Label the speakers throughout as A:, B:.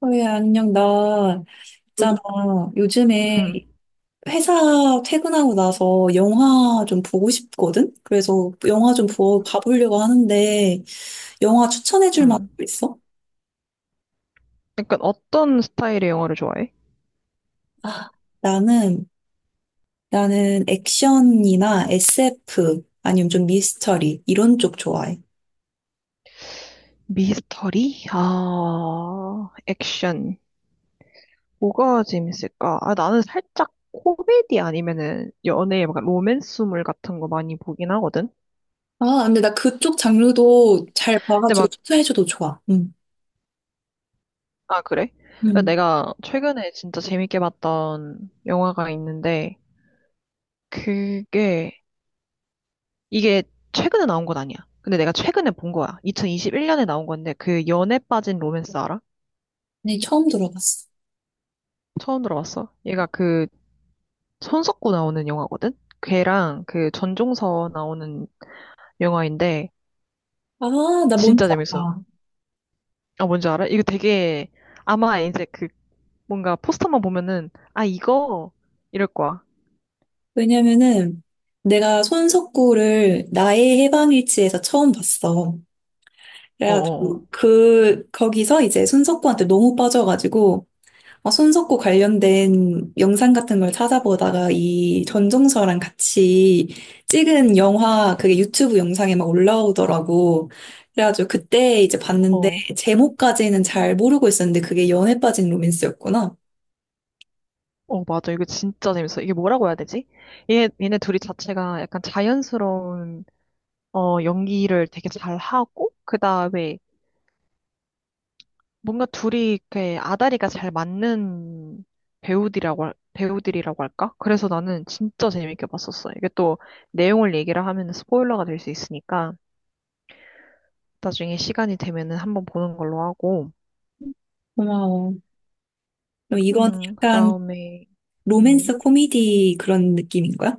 A: 왜 안녕. 나 있잖아,
B: 요즘, 음,
A: 요즘에 회사 퇴근하고 나서 영화 좀 보고 싶거든. 그래서 영화 좀 봐보려고 하는데 영화 추천해줄 만한
B: 음.
A: 거 있어?
B: 약간 어떤 스타일의 영화를 좋아해?
A: 아, 나는 나는 액션이나 SF 아니면 좀 미스터리 이런 쪽 좋아해.
B: 미스터리? 아, 액션. 뭐가 재밌을까? 아, 나는 살짝 코미디 아니면은 연애, 막 로맨스물 같은 거 많이 보긴 하거든?
A: 아, 근데 나 그쪽 장르도 잘
B: 근데
A: 봐가지고
B: 막,
A: 추천해줘도 좋아. 응.
B: 아, 그래?
A: 응.
B: 내가 최근에 진짜 재밌게 봤던 영화가 있는데, 그게, 이게 최근에 나온 건 아니야. 근데 내가 최근에 본 거야. 2021년에 나온 건데, 그 연애 빠진 로맨스 알아?
A: 네, 처음 들어봤어.
B: 처음 들어봤어. 얘가 그 손석구 나오는 영화거든? 걔랑 그 전종서 나오는 영화인데
A: 아, 나 뭔지
B: 진짜 재밌어.
A: 알아.
B: 아, 뭔지 알아? 이거 되게 아마 이제 그 뭔가 포스터만 보면은 아, 이거 이럴 거야.
A: 왜냐면은 내가 손석구를 나의 해방일지에서 처음 봤어. 그래가지고
B: 어어어.
A: 그 거기서 이제 손석구한테 너무 빠져가지고 어, 손석구 관련된 영상 같은 걸 찾아보다가 이 전종서랑 같이 찍은 영화, 그게 유튜브 영상에 막 올라오더라고. 그래가지고 그때 이제
B: 어, 어,
A: 봤는데
B: 어.
A: 제목까지는 잘 모르고 있었는데 그게 연애 빠진 로맨스였구나.
B: 어, 맞아. 이거 진짜 재밌어. 이게 뭐라고 해야 되지? 얘네 둘이 자체가 약간 자연스러운 어, 연기를 되게 잘 하고 그다음에 뭔가 둘이 이렇게 아다리가 잘 맞는 배우들이라고 할까? 그래서 나는 진짜 재밌게 봤었어. 이게 또 내용을 얘기를 하면 스포일러가 될 수 있으니까 나중에 시간이 되면은 한번 보는 걸로 하고,
A: 고마워. 그럼 이건 약간
B: 그다음에, 음,
A: 로맨스 코미디 그런 느낌인 거야?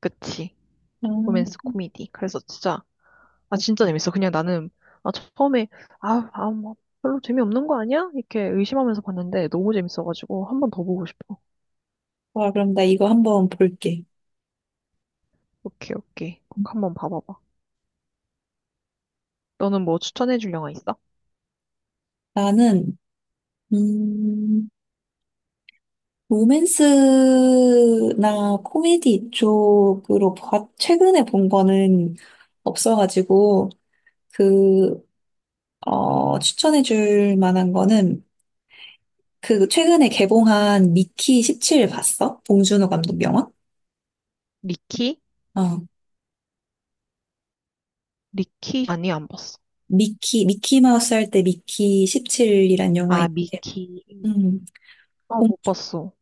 B: 그치.
A: 음.
B: 로맨스 코미디. 그래서 진짜, 아, 진짜 재밌어. 그냥 나는, 아, 처음에, 아, 아, 뭐, 별로 재미없는 거 아니야? 이렇게 의심하면서 봤는데 너무 재밌어가지고 한 번 더 보고 싶어.
A: 좋아, 그럼 나 이거 한번 볼게.
B: 오케이, 오케이. 꼭 한번 봐봐봐. 너는 뭐 추천해줄 영화 있어?
A: 나는, 음, 로맨스나 코미디 쪽으로 봐, 최근에 본 거는 없어가지고, 그, 어, 추천해줄 만한 거는, 그, 최근에 개봉한 미키 17 봤어? 봉준호 감독 영화?
B: 미키?
A: 어,
B: 미키? 아니, 안 봤어.
A: 미키, 미키 마우스 할 때 미키 17이란 영화,
B: 아, 미키.
A: 음,
B: 어,
A: 봉-
B: 못 봤어.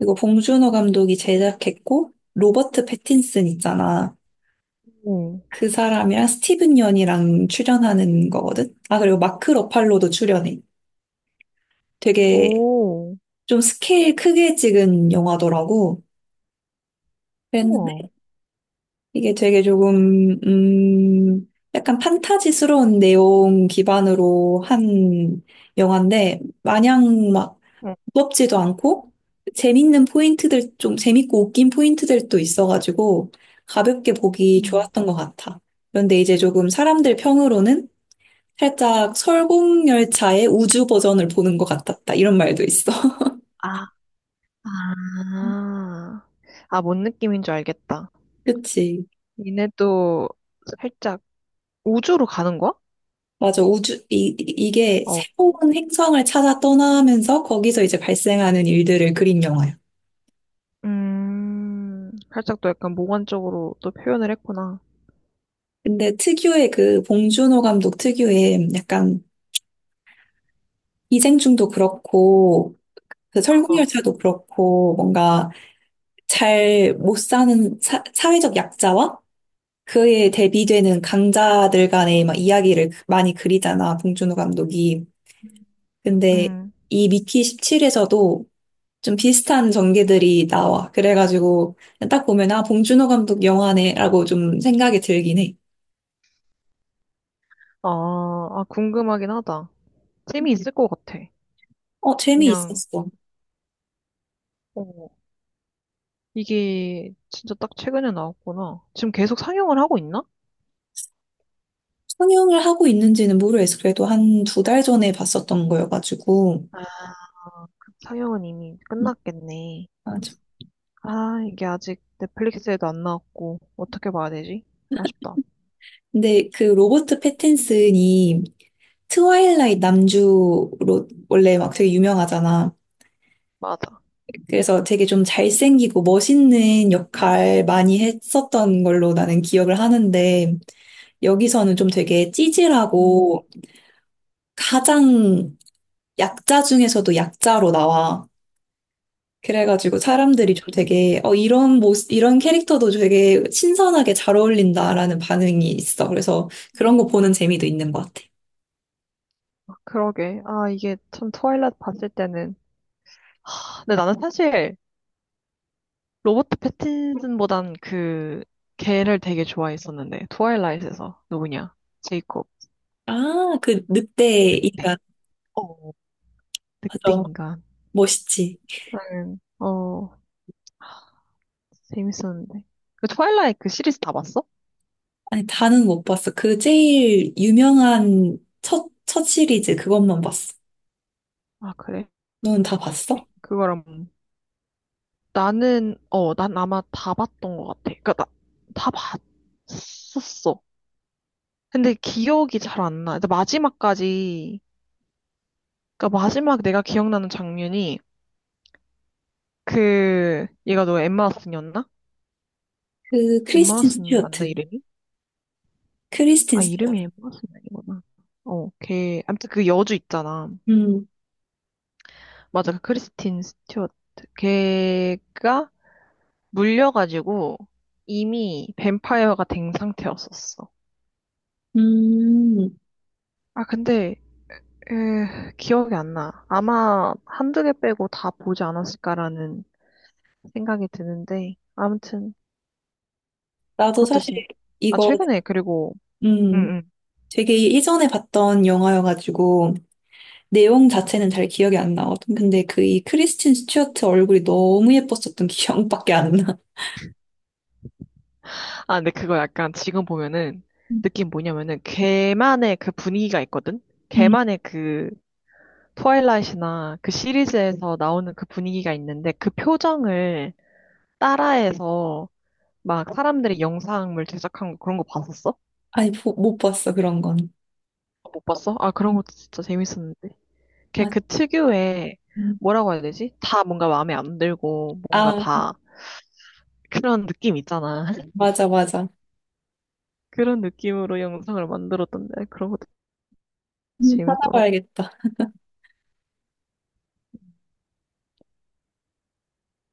A: 이거 봉준호 감독이 제작했고, 로버트 패틴슨 있잖아.
B: 오
A: 그 사람이랑 스티븐 연이랑 출연하는 거거든. 아, 그리고 마크 러팔로도 출연해. 되게
B: 오,
A: 좀 스케일 크게 찍은 영화더라고.
B: 우와.
A: 그랬는데 이게 되게 조금 약간 판타지스러운 내용 기반으로 한 영화인데 마냥 막
B: 응.
A: 무겁지도 않고 재밌는 포인트들 좀 재밌고 웃긴 포인트들도 있어가지고 가볍게 보기
B: 음.
A: 좋았던 것 같아. 그런데 이제 조금 사람들 평으로는 살짝 설국열차의 우주 버전을 보는 것 같았다, 이런 말도 있어.
B: 아, 아. 아, 뭔 느낌인 줄 알겠다.
A: 그치.
B: 니네도 살짝 우주로 가는 거야?
A: 맞아. 우주, 이게
B: 어.
A: 새로운 행성을 찾아 떠나면서 거기서 이제 발생하는 일들을 그린 영화야.
B: 살짝 또 약간 몽환적으로 또 표현을 했구나.
A: 근데 특유의 그 봉준호 감독 특유의 약간 기생충도 그렇고, 그
B: 어, 어.
A: 설국열차도 그렇고, 뭔가 잘 못 사는 사회적 약자와 그에 대비되는 강자들 간의 막 이야기를 많이 그리잖아, 봉준호 감독이. 근데
B: 음.
A: 이 미키 17에서도 좀 비슷한 전개들이 나와. 그래가지고 딱 보면 아 봉준호 감독 영화네라고 좀 생각이 들긴 해.
B: 아, 아, 궁금하긴 하다. 재미있을 것 같아.
A: 어,
B: 그냥,
A: 재미있었어.
B: 어. 이게 진짜 딱 최근에 나왔구나. 지금 계속 상영을 하고 있나?
A: 상영을 하고 있는지는 모르겠어. 그래도 한 2달 전에 봤었던 거여가지고.
B: 아, 그 상영은 이미
A: 음,
B: 끝났겠네.
A: 맞아.
B: 아, 이게 아직 넷플릭스에도 안 나왔고, 어떻게 봐야 되지? 아쉽다.
A: 근데 그 로버트 패틴슨이 트와일라이트 남주로 원래 막 되게 유명하잖아.
B: 맞아.
A: 그래서 되게 좀 잘생기고 멋있는 역할 많이 했었던 걸로 나는 기억을 하는데 여기서는 좀 되게
B: 음.
A: 찌질하고 가장 약자 중에서도 약자로 나와. 그래가지고 사람들이 좀 되게 어 이런 모습 이런 캐릭터도 되게 신선하게 잘 어울린다라는 반응이 있어. 그래서 그런
B: 음.
A: 거 보는 재미도 있는 것 같아.
B: 아, 그러게. 아, 이게 참 트와일라이트 봤을 때는. 근데 나는 사실 로버트 패틴슨보단 그 걔를 되게 좋아했었는데. 트와일라이트에서 누구냐? 제이콥.
A: 아, 그 늑대
B: 늑대.
A: 인간.
B: 어, 늑대
A: 맞아.
B: 인간.
A: 멋있지.
B: 나는 어, 재밌었는데. 그 트와일라이트 그 시리즈 다 봤어?
A: 아니, 다는 못 봤어. 그 제일 유명한 첫 시리즈 그것만 봤어.
B: 아, 그래?
A: 너는 다 봤어?
B: 그거랑 나는 어, 난 아마 다 봤던 것 같아. 그러니까 나, 다 봤었어. 근데 기억이 잘 안 나. 근데 마지막까지 그러니까 마지막 내가 기억나는 장면이 그 얘가 너 엠마 왓슨이었나?
A: 그
B: 엠마
A: 크리스틴
B: 왓슨 맞나
A: 스튜어트.
B: 이름이?
A: 크리스틴
B: 아,
A: 스튜어트.
B: 이름이 엠마 왓슨 아니구나. 어, 걔 아무튼 그 여주 있잖아.
A: 음.
B: 맞아. 그 크리스틴 스튜어트. 걔가 물려가지고 이미 뱀파이어가 된 상태였었어.
A: 음.
B: 아, 근데 기억이 안 나. 아마 한두 개 빼고 다 보지 않았을까라는 생각이 드는데 아무튼
A: 나도
B: 그것도
A: 사실
B: 진짜 아,
A: 이거,
B: 최근에 그리고
A: 음,
B: 응응.
A: 되게 이전에 봤던 영화여가지고, 내용 자체는 잘 기억이 안 나거든. 근데 그 이 크리스틴 스튜어트 얼굴이 너무 예뻤었던 기억밖에 안 나.
B: 아, 근데 그거 약간 지금 보면은
A: 음.
B: 느낌 뭐냐면은 걔만의 그 분위기가 있거든.
A: 음.
B: 걔만의 그 트와일라이트나 그 시리즈에서 나오는 그 분위기가 있는데 그 표정을 따라해서 막 사람들이 영상을 제작한 거 그런 거 봤었어?
A: 아니, 못 봤어, 그런 건.
B: 못 봤어? 아, 그런
A: 음.
B: 것도 진짜 재밌었는데. 걔
A: 맞-
B: 그 특유의
A: 음.
B: 뭐라고 해야 되지? 다 뭔가 마음에 안 들고 뭔가
A: 아,
B: 다 그런 느낌 있잖아.
A: 맞아, 맞아.
B: 그런 느낌으로 영상을 만들었던데 그런 것도
A: 음.
B: 재밌더라.
A: 찾아봐야겠다.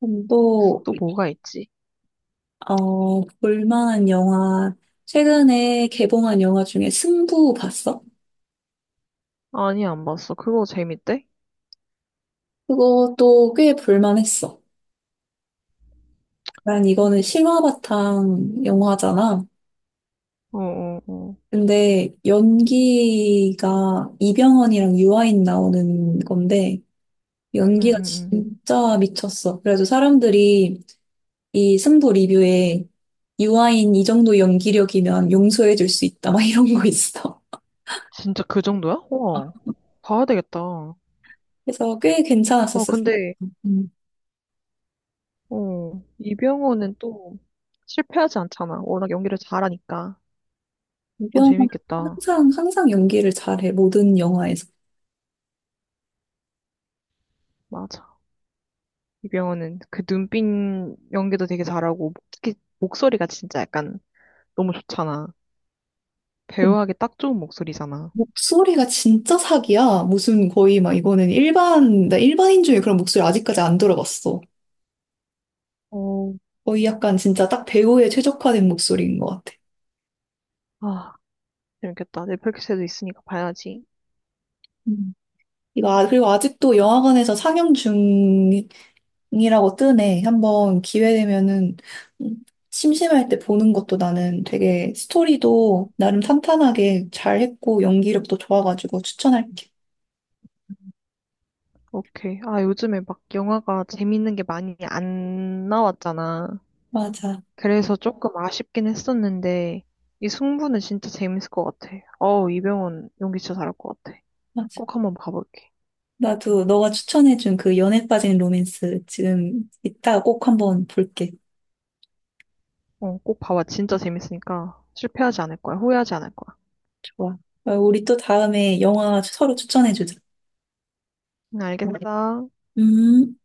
A: 또,
B: 또 뭐가 있지?
A: 어, 볼만한 영화, 최근에 개봉한 영화 중에 승부 봤어?
B: 아니, 안 봤어. 그거 재밌대?
A: 그것도 꽤 볼만했어. 난 이거는 실화 바탕 영화잖아.
B: 어, 어, 어.
A: 근데 연기가 이병헌이랑 유아인 나오는 건데
B: 응,
A: 연기가
B: 응, 응.
A: 진짜 미쳤어. 그래서 사람들이 이 승부 리뷰에 유아인 이 정도 연기력이면 용서해 줄 수 있다 막 이런 거 있어.
B: 진짜 그 정도야? 우와. 봐야 되겠다. 아,
A: 그래서 꽤 괜찮았었어.
B: 근데,
A: 음.
B: 어, 이병헌은 또 실패하지 않잖아. 워낙 연기를 잘하니까. 어,
A: 이병헌
B: 재밌겠다.
A: 항상 연기를 잘해, 모든 영화에서.
B: 맞아. 이병헌은 그 눈빛 연기도 되게 잘하고, 특히 목소리가 진짜 약간 너무 좋잖아. 배우하기 딱 좋은 목소리잖아.
A: 목소리가 진짜 사기야. 무슨 거의 막 이거는 일반, 나 일반인 중에 그런 목소리 아직까지 안 들어봤어.
B: 어,
A: 거의 약간 진짜 딱 배우에 최적화된 목소리인 것 같아.
B: 아, 재밌겠다. 넷플릭스에도 있으니까 봐야지.
A: 음. 이거, 그리고 아직도 영화관에서 상영 중이라고 뜨네. 한번 기회 되면은 음, 심심할 때 보는 것도 나는 되게 스토리도 나름 탄탄하게 잘했고 연기력도 좋아가지고 추천할게.
B: 오케이. 아, 요즘에 막 영화가 재밌는 게 많이 안 나왔잖아.
A: 맞아,
B: 그래서 조금 아쉽긴 했었는데, 이 승부는 진짜 재밌을 것 같아. 어우, 이병헌 연기 진짜 잘할 것 같아.
A: 맞아.
B: 꼭 한번 봐볼게.
A: 나도 너가 추천해준 그 연애 빠진 로맨스 지금 이따 꼭 한번 볼게.
B: 어, 꼭 봐봐. 진짜 재밌으니까 실패하지 않을 거야. 후회하지 않을 거야.
A: 좋아. 어, 우리 또 다음에 영화 서로 추천해주자.
B: 응, 알겠어.
A: 음.